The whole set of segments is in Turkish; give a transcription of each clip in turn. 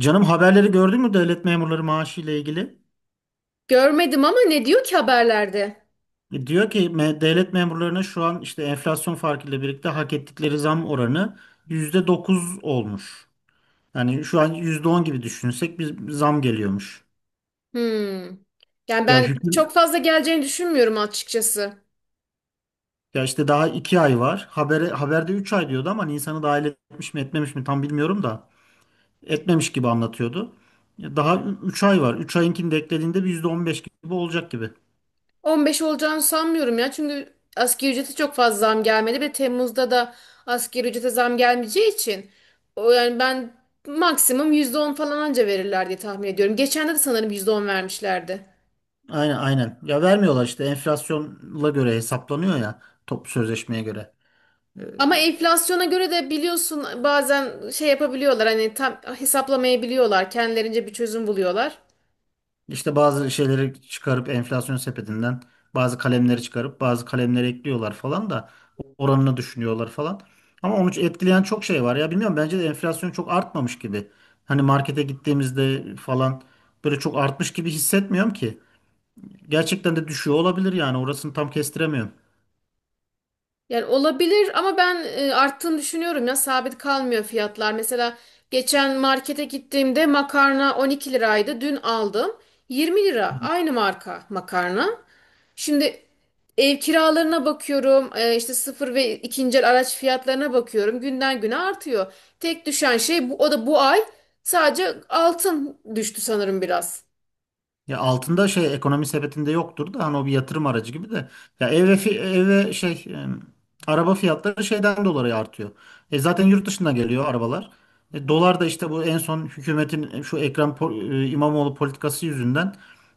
Canım haberleri gördün mü devlet memurları maaşı ile ilgili? Görmedim ama ne diyor ki haberlerde? Diyor ki devlet memurlarına şu an işte enflasyon farkıyla birlikte hak ettikleri zam oranı %9 olmuş. Yani şu an %10 gibi düşünsek bir zam geliyormuş. Hmm. Yani Ya ben hüküm çok fazla geleceğini düşünmüyorum açıkçası. ya işte daha 2 ay var. Haberde 3 ay diyordu ama Nisan'ı dahil etmiş mi etmemiş mi tam bilmiyorum da etmemiş gibi anlatıyordu. Ya daha 3 ay var. Üç ayinkini de eklediğinde bir %15 gibi olacak gibi. 15 olacağını sanmıyorum ya. Çünkü asgari ücrete çok fazla zam gelmedi ve Temmuz'da da asgari ücrete zam gelmeyeceği için o yani ben maksimum %10 falan anca verirler diye tahmin ediyorum. Geçen de sanırım %10 vermişlerdi. Aynen aynen. Ya vermiyorlar işte enflasyonla göre hesaplanıyor ya top sözleşmeye göre. Ee, Ama enflasyona göre de biliyorsun bazen şey yapabiliyorlar hani tam hesaplamayabiliyorlar. Kendilerince bir çözüm buluyorlar. İşte bazı şeyleri çıkarıp enflasyon sepetinden bazı kalemleri çıkarıp bazı kalemleri ekliyorlar falan da oranını düşünüyorlar falan. Ama onu etkileyen çok şey var ya, bilmiyorum, bence de enflasyon çok artmamış gibi. Hani markete gittiğimizde falan böyle çok artmış gibi hissetmiyorum ki. Gerçekten de düşüyor olabilir, yani orasını tam kestiremiyorum. Yani olabilir ama ben arttığını düşünüyorum ya sabit kalmıyor fiyatlar. Mesela geçen markete gittiğimde makarna 12 liraydı. Dün aldım 20 lira aynı marka makarna. Şimdi ev kiralarına bakıyorum işte sıfır ve ikinci el araç fiyatlarına bakıyorum günden güne artıyor. Tek düşen şey bu, o da bu ay sadece altın düştü sanırım biraz. Ya altında şey ekonomi sepetinde yoktur da hani o bir yatırım aracı gibi de. Ev ve şey araba fiyatları şeyden dolayı artıyor. E zaten yurt dışından geliyor arabalar. E, dolar da işte bu en son hükümetin şu İmamoğlu politikası yüzünden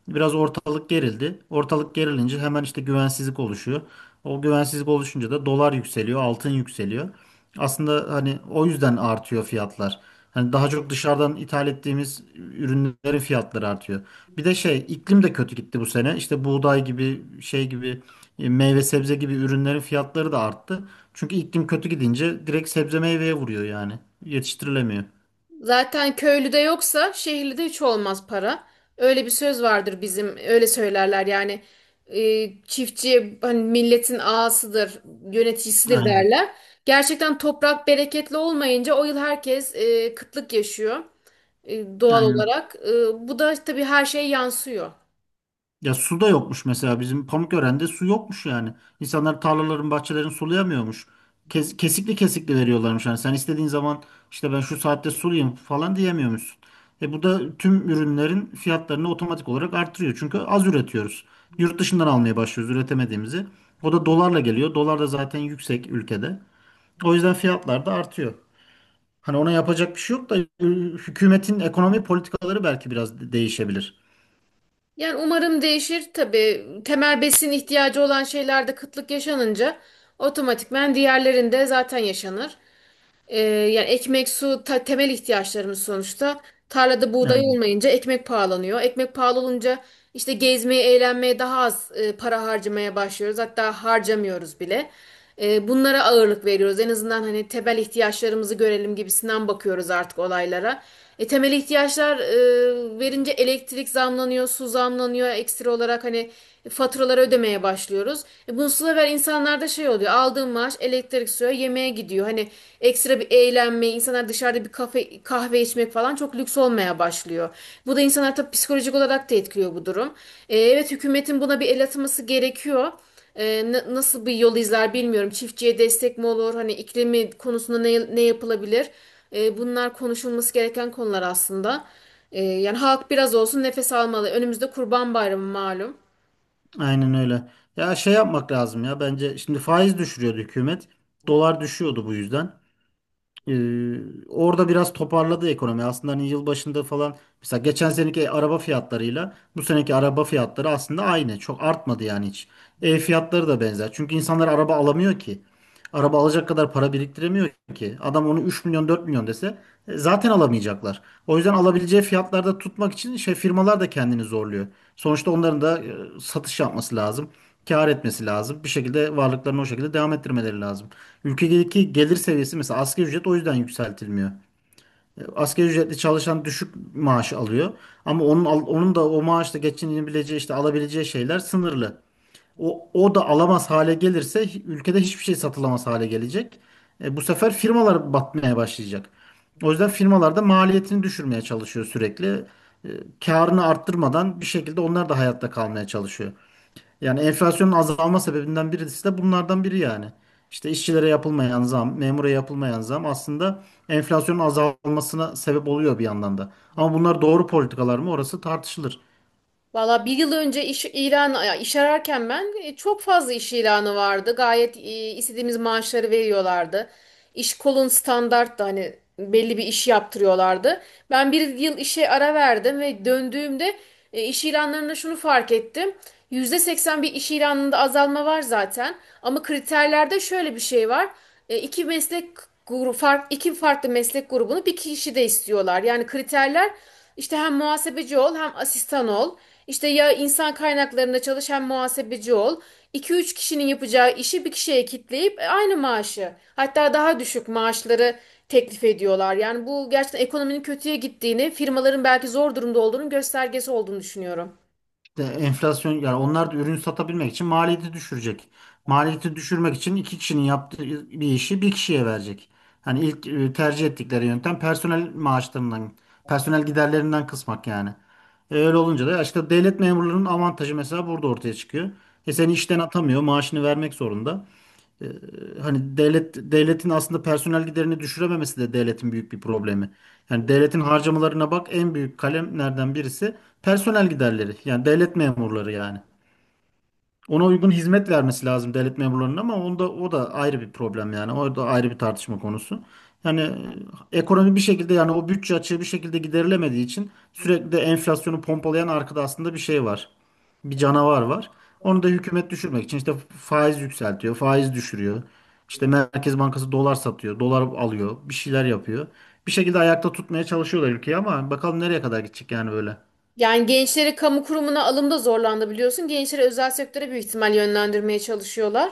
biraz ortalık gerildi. Ortalık gerilince hemen işte güvensizlik oluşuyor. O güvensizlik oluşunca da dolar yükseliyor, altın yükseliyor. Aslında hani o yüzden artıyor fiyatlar. Hani daha çok dışarıdan ithal ettiğimiz ürünlerin fiyatları artıyor. Bir de şey iklim de kötü gitti bu sene. İşte buğday gibi şey gibi meyve sebze gibi ürünlerin fiyatları da arttı. Çünkü iklim kötü gidince direkt sebze meyveye vuruyor yani. Yetiştirilemiyor. Zaten köylüde yoksa şehirli de hiç olmaz para. Öyle bir söz vardır bizim öyle söylerler yani çiftçi hani milletin ağasıdır, yöneticisidir Aynen. derler. Gerçekten toprak bereketli olmayınca o yıl herkes kıtlık yaşıyor doğal Aynen. olarak. Bu da tabii her şeye yansıyor. Ya su da yokmuş, mesela bizim Pamukören'de su yokmuş yani. İnsanlar tarlaların, bahçelerin sulayamıyormuş. Kesikli kesikli veriyorlarmış yani. Sen istediğin zaman işte ben şu saatte sulayayım falan diyemiyormuşsun. E bu da tüm ürünlerin fiyatlarını otomatik olarak artırıyor. Çünkü az üretiyoruz. Yurt dışından almaya başlıyoruz üretemediğimizi. O da dolarla geliyor. Dolar da zaten yüksek ülkede. O yüzden fiyatlar da artıyor. Hani ona yapacak bir şey yok da hükümetin ekonomi politikaları belki biraz değişebilir. Yani umarım değişir. Tabii temel besin ihtiyacı olan şeylerde kıtlık yaşanınca otomatikmen diğerlerinde zaten yaşanır. Yani ekmek, su temel ihtiyaçlarımız sonuçta. Tarlada buğday Yani olmayınca ekmek pahalanıyor. Ekmek pahalı olunca işte gezmeye, eğlenmeye daha az para harcamaya başlıyoruz. Hatta harcamıyoruz bile. Bunlara ağırlık veriyoruz. En azından hani temel ihtiyaçlarımızı görelim gibisinden bakıyoruz artık olaylara. Temel ihtiyaçlar verince elektrik zamlanıyor, su zamlanıyor. Ekstra olarak hani faturaları ödemeye başlıyoruz. Bunun sıra insanlarda şey oluyor. Aldığım maaş elektrik suya yemeğe gidiyor. Hani ekstra bir eğlenme, insanlar dışarıda bir kafe, kahve içmek falan çok lüks olmaya başlıyor. Bu da insanlar tabii psikolojik olarak da etkiliyor bu durum. Evet, hükümetin buna bir el atması gerekiyor. Nasıl bir yol izler bilmiyorum. Çiftçiye destek mi olur? Hani iklimi konusunda ne yapılabilir? Bunlar konuşulması gereken konular aslında. Yani halk biraz olsun nefes almalı. Önümüzde Kurban Bayramı malum. aynen öyle. Ya şey yapmak lazım, ya bence şimdi faiz düşürüyordu hükümet. Dolar düşüyordu bu yüzden. Ee, orada biraz toparladı ekonomi. Aslında hani yıl başında falan mesela geçen seneki araba fiyatlarıyla bu seneki araba fiyatları aslında aynı. Çok artmadı yani hiç. Ev fiyatları da benzer. Çünkü insanlar araba alamıyor ki. Araba alacak kadar para biriktiremiyor ki. Adam onu 3 milyon 4 milyon dese zaten alamayacaklar. O yüzden alabileceği fiyatlarda tutmak için şey firmalar da kendini zorluyor. Sonuçta onların da satış yapması lazım. Kâr etmesi lazım. Bir şekilde varlıklarını o şekilde devam ettirmeleri lazım. Ülkedeki gelir seviyesi, mesela asgari ücret, o yüzden yükseltilmiyor. E, asgari ücretli çalışan düşük maaş alıyor ama onun da o maaşla geçinebileceği işte alabileceği şeyler sınırlı. O da alamaz hale gelirse ülkede hiçbir şey satılamaz hale gelecek. E, bu sefer firmalar batmaya başlayacak. O yüzden firmalar da maliyetini düşürmeye çalışıyor sürekli. E, karını arttırmadan bir şekilde onlar da hayatta kalmaya çalışıyor. Yani enflasyonun azalma sebebinden birisi de bunlardan biri yani. İşte işçilere yapılmayan zam, memura yapılmayan zam aslında enflasyonun azalmasına sebep oluyor bir yandan da. Ama bunlar doğru politikalar mı, orası tartışılır. Valla bir yıl önce iş ilan ya iş ararken ben çok fazla iş ilanı vardı. Gayet istediğimiz maaşları veriyorlardı. İş kolun standarttı hani belli bir iş yaptırıyorlardı. Ben bir yıl işe ara verdim ve döndüğümde iş ilanlarında şunu fark ettim. %80 bir iş ilanında azalma var zaten. Ama kriterlerde şöyle bir şey var. E, iki meslek grubu, fark, iki farklı meslek grubunu bir kişi de istiyorlar. Yani kriterler işte hem muhasebeci ol hem asistan ol. İşte ya insan kaynaklarında çalış hem muhasebeci ol. İki üç kişinin yapacağı işi bir kişiye kitleyip aynı maaşı hatta daha düşük maaşları teklif ediyorlar. Yani bu gerçekten ekonominin kötüye gittiğini, firmaların belki zor durumda olduğunun göstergesi olduğunu düşünüyorum. İşte enflasyon yani onlar da ürün satabilmek için maliyeti düşürecek. Maliyeti düşürmek için iki kişinin yaptığı bir işi bir kişiye verecek. Hani ilk tercih ettikleri yöntem personel maaşlarından, personel giderlerinden kısmak yani. E, öyle olunca da işte devlet memurlarının avantajı mesela burada ortaya çıkıyor. E seni işten atamıyor, maaşını vermek zorunda. Ee, hani devletin aslında personel giderini düşürememesi de devletin büyük bir problemi. Yani devletin harcamalarına bak, en büyük kalemlerden birisi personel giderleri. Yani devlet memurları yani. Ona uygun hizmet vermesi lazım devlet memurlarının ama onda o da ayrı bir problem yani. O da ayrı bir tartışma konusu. Yani ekonomi bir şekilde yani o bütçe açığı bir şekilde giderilemediği için sürekli de enflasyonu pompalayan arkada aslında bir şey var, bir canavar var. Onu da hükümet düşürmek için işte faiz yükseltiyor, faiz düşürüyor. İşte Merkez Bankası dolar satıyor, dolar alıyor, bir şeyler yapıyor. Bir şekilde ayakta tutmaya çalışıyorlar ülkeyi ama bakalım nereye kadar gidecek yani böyle. Yani gençleri kamu kurumuna alımda zorlandı biliyorsun. Gençleri özel sektöre büyük ihtimal yönlendirmeye çalışıyorlar.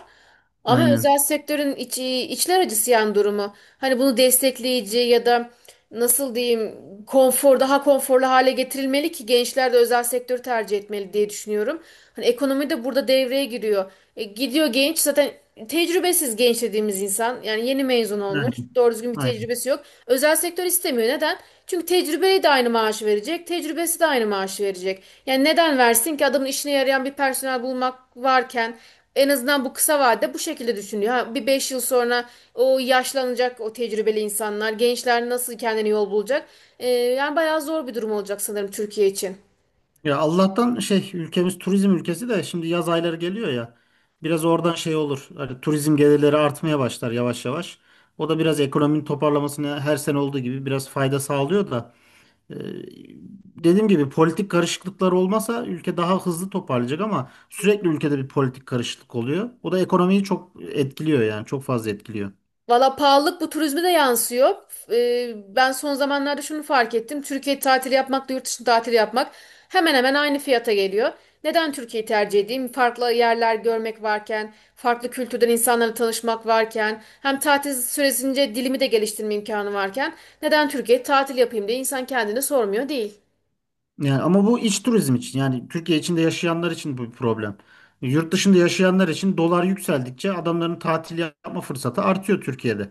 Ama özel Aynen. sektörün içler acısı yani durumu. Hani bunu destekleyici ya da nasıl diyeyim daha konforlu hale getirilmeli ki gençler de özel sektörü tercih etmeli diye düşünüyorum. Hani ekonomi de burada devreye giriyor. Gidiyor genç zaten tecrübesiz genç dediğimiz insan yani yeni mezun Yani, olmuş doğru düzgün bir aynen. tecrübesi yok. Özel sektör istemiyor neden? Çünkü tecrübeye de aynı maaşı verecek tecrübesi de aynı maaşı verecek. Yani neden versin ki adamın işine yarayan bir personel bulmak varken en azından bu kısa vadede bu şekilde düşünüyor. Ha, bir 5 yıl sonra o yaşlanacak o tecrübeli insanlar, gençler nasıl kendine yol bulacak? Yani bayağı zor bir durum olacak sanırım Türkiye için. Ya Allah'tan şey ülkemiz turizm ülkesi de şimdi yaz ayları geliyor ya. Biraz oradan şey olur. Hani turizm gelirleri artmaya başlar yavaş yavaş. O da biraz ekonominin toparlamasına her sene olduğu gibi biraz fayda sağlıyor da. Ee, dediğim gibi politik karışıklıklar olmasa ülke daha hızlı toparlayacak ama sürekli ülkede bir politik karışıklık oluyor. O da ekonomiyi çok etkiliyor yani çok fazla etkiliyor. Valla pahalılık bu turizme de yansıyor. Ben son zamanlarda şunu fark ettim. Türkiye tatili yapmakla yurt dışı tatili yapmak hemen hemen aynı fiyata geliyor. Neden Türkiye'yi tercih edeyim? Farklı yerler görmek varken, farklı kültürden insanlarla tanışmak varken, hem tatil süresince dilimi de geliştirme imkanı varken, neden Türkiye'ye tatil yapayım diye insan kendini sormuyor değil. Yani ama bu iç turizm için, yani Türkiye içinde yaşayanlar için bu bir problem. Yurt dışında yaşayanlar için dolar yükseldikçe adamların tatil yapma fırsatı artıyor Türkiye'de.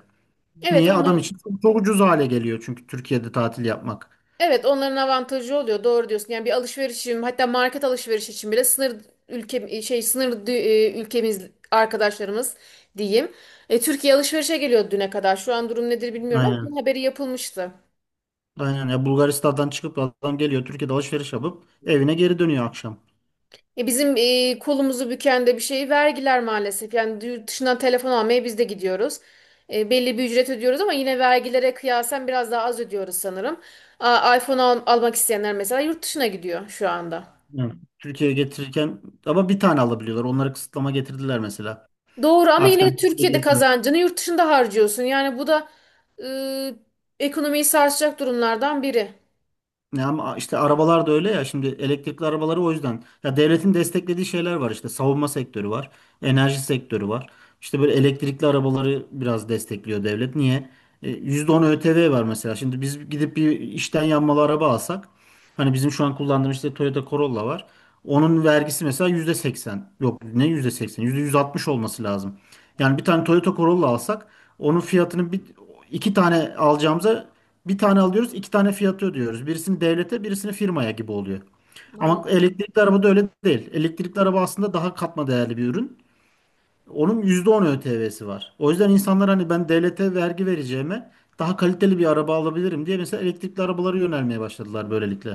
Evet, Niye? Adam onların için çok, çok ucuz hale geliyor çünkü Türkiye'de tatil yapmak. Evet, onların avantajı oluyor doğru diyorsun. Yani bir alışverişim hatta market alışveriş için bile sınır ülke şey ülkemiz arkadaşlarımız diyeyim. Türkiye alışverişe geliyor düne kadar. Şu an durum nedir bilmiyorum ama bunun Aynen. haberi yapılmıştı. Aynen. Ya Bulgaristan'dan çıkıp adam geliyor Türkiye'de alışveriş yapıp evine geri dönüyor akşam. Bizim kolumuzu büken de bir şey vergiler maalesef. Yani yurt dışından telefon almaya biz de gidiyoruz. Belli bir ücret ödüyoruz ama yine vergilere kıyasen biraz daha az ödüyoruz sanırım. iPhone almak isteyenler mesela yurt dışına gidiyor şu anda. Evet. Türkiye'ye getirirken ama bir tane alabiliyorlar. Onlara kısıtlama getirdiler mesela. Doğru ama Artık yine de hani Türkiye'de kazancını yurt dışında harcıyorsun. Yani bu da e, ekonomiyi sarsacak durumlardan biri. ya ama işte arabalar da öyle ya, şimdi elektrikli arabaları o yüzden. Ya devletin desteklediği şeyler var, işte savunma sektörü var, enerji sektörü var. İşte böyle elektrikli arabaları biraz destekliyor devlet. Niye? E, %10 ÖTV var mesela. Şimdi biz gidip bir işten yanmalı araba alsak hani bizim şu an kullandığımız işte Toyota Corolla var. Onun vergisi mesela %80. Yok ne yüzde. Yüzde seksen? %160 olması lazım. Yani bir tane Toyota Corolla alsak onun fiyatını bir iki tane alacağımıza bir tane alıyoruz, iki tane fiyatı ödüyoruz. Birisini devlete, birisini firmaya gibi oluyor. Ama Maalesef. elektrikli arabada öyle değil. Elektrikli araba aslında daha katma değerli bir ürün. Onun %10 ÖTV'si var. O yüzden insanlar hani ben devlete vergi vereceğime daha kaliteli bir araba alabilirim diye mesela elektrikli arabalara yönelmeye başladılar böylelikle.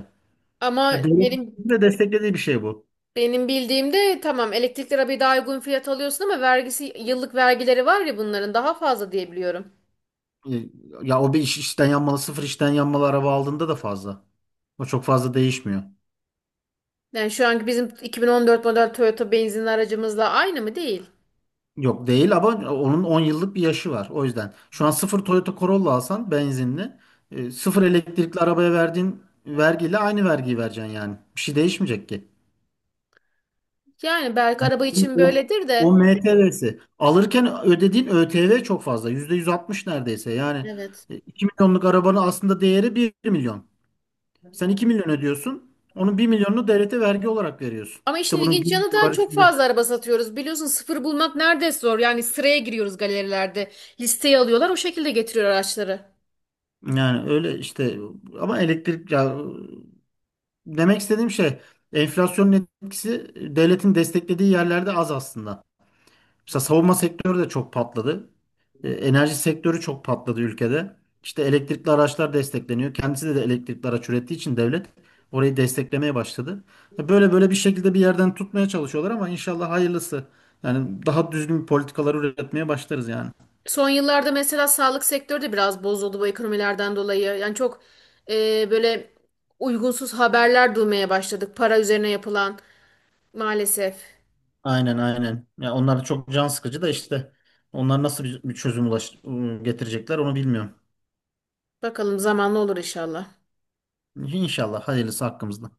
Ama Ya devletin benim de desteklediği bir şey bu. benim bildiğimde tamam elektrikli arabayı daha uygun fiyat alıyorsun ama vergisi yıllık vergileri var ya bunların daha fazla diye biliyorum. E, Ya işten yanmalı, sıfır işten yanmalı araba aldığında da fazla. O çok fazla değişmiyor. Yani şu anki bizim 2014 model Toyota benzinli aracımızla aynı mı değil? Yok değil ama onun 10 yıllık bir yaşı var. O yüzden şu an sıfır Toyota Corolla alsan benzinli, sıfır elektrikli arabaya verdiğin vergiyle aynı vergiyi vereceksin yani. Bir şey değişmeyecek ki. Yani belki araba için O, böyledir o de. MTV'si. Alırken ödediğin ÖTV çok fazla. %160 neredeyse. Yani Evet. 2 milyonluk arabanın aslında değeri 1 milyon. Sen 2 milyon ödüyorsun. Onun 1 milyonunu devlete vergi olarak veriyorsun. Ama işin İşte bunun ilginç bir yanı da var çok şimdi. fazla araba satıyoruz. Biliyorsun sıfır bulmak neredeyse zor. Yani sıraya giriyoruz galerilerde. Listeyi alıyorlar o şekilde getiriyor araçları. Yani öyle işte ama elektrik ya, demek istediğim şey enflasyonun etkisi devletin desteklediği yerlerde az aslında. Mesela savunma sektörü de çok patladı. E, enerji sektörü çok patladı ülkede. İşte elektrikli araçlar destekleniyor. Kendisi de elektrikli araç ürettiği için devlet orayı desteklemeye başladı. E, böyle böyle bir şekilde bir yerden tutmaya çalışıyorlar ama inşallah hayırlısı. Yani daha düzgün politikalar üretmeye başlarız yani. Son yıllarda mesela sağlık sektörü de biraz bozuldu bu ekonomilerden dolayı. Yani çok böyle uygunsuz haberler duymaya başladık. Para üzerine yapılan maalesef. Aynen aynen. Ya onlar da çok can sıkıcı da işte onlar nasıl bir çözüm getirecekler onu bilmiyorum. Bakalım zamanla olur inşallah. İnşallah hayırlısı hakkımızda.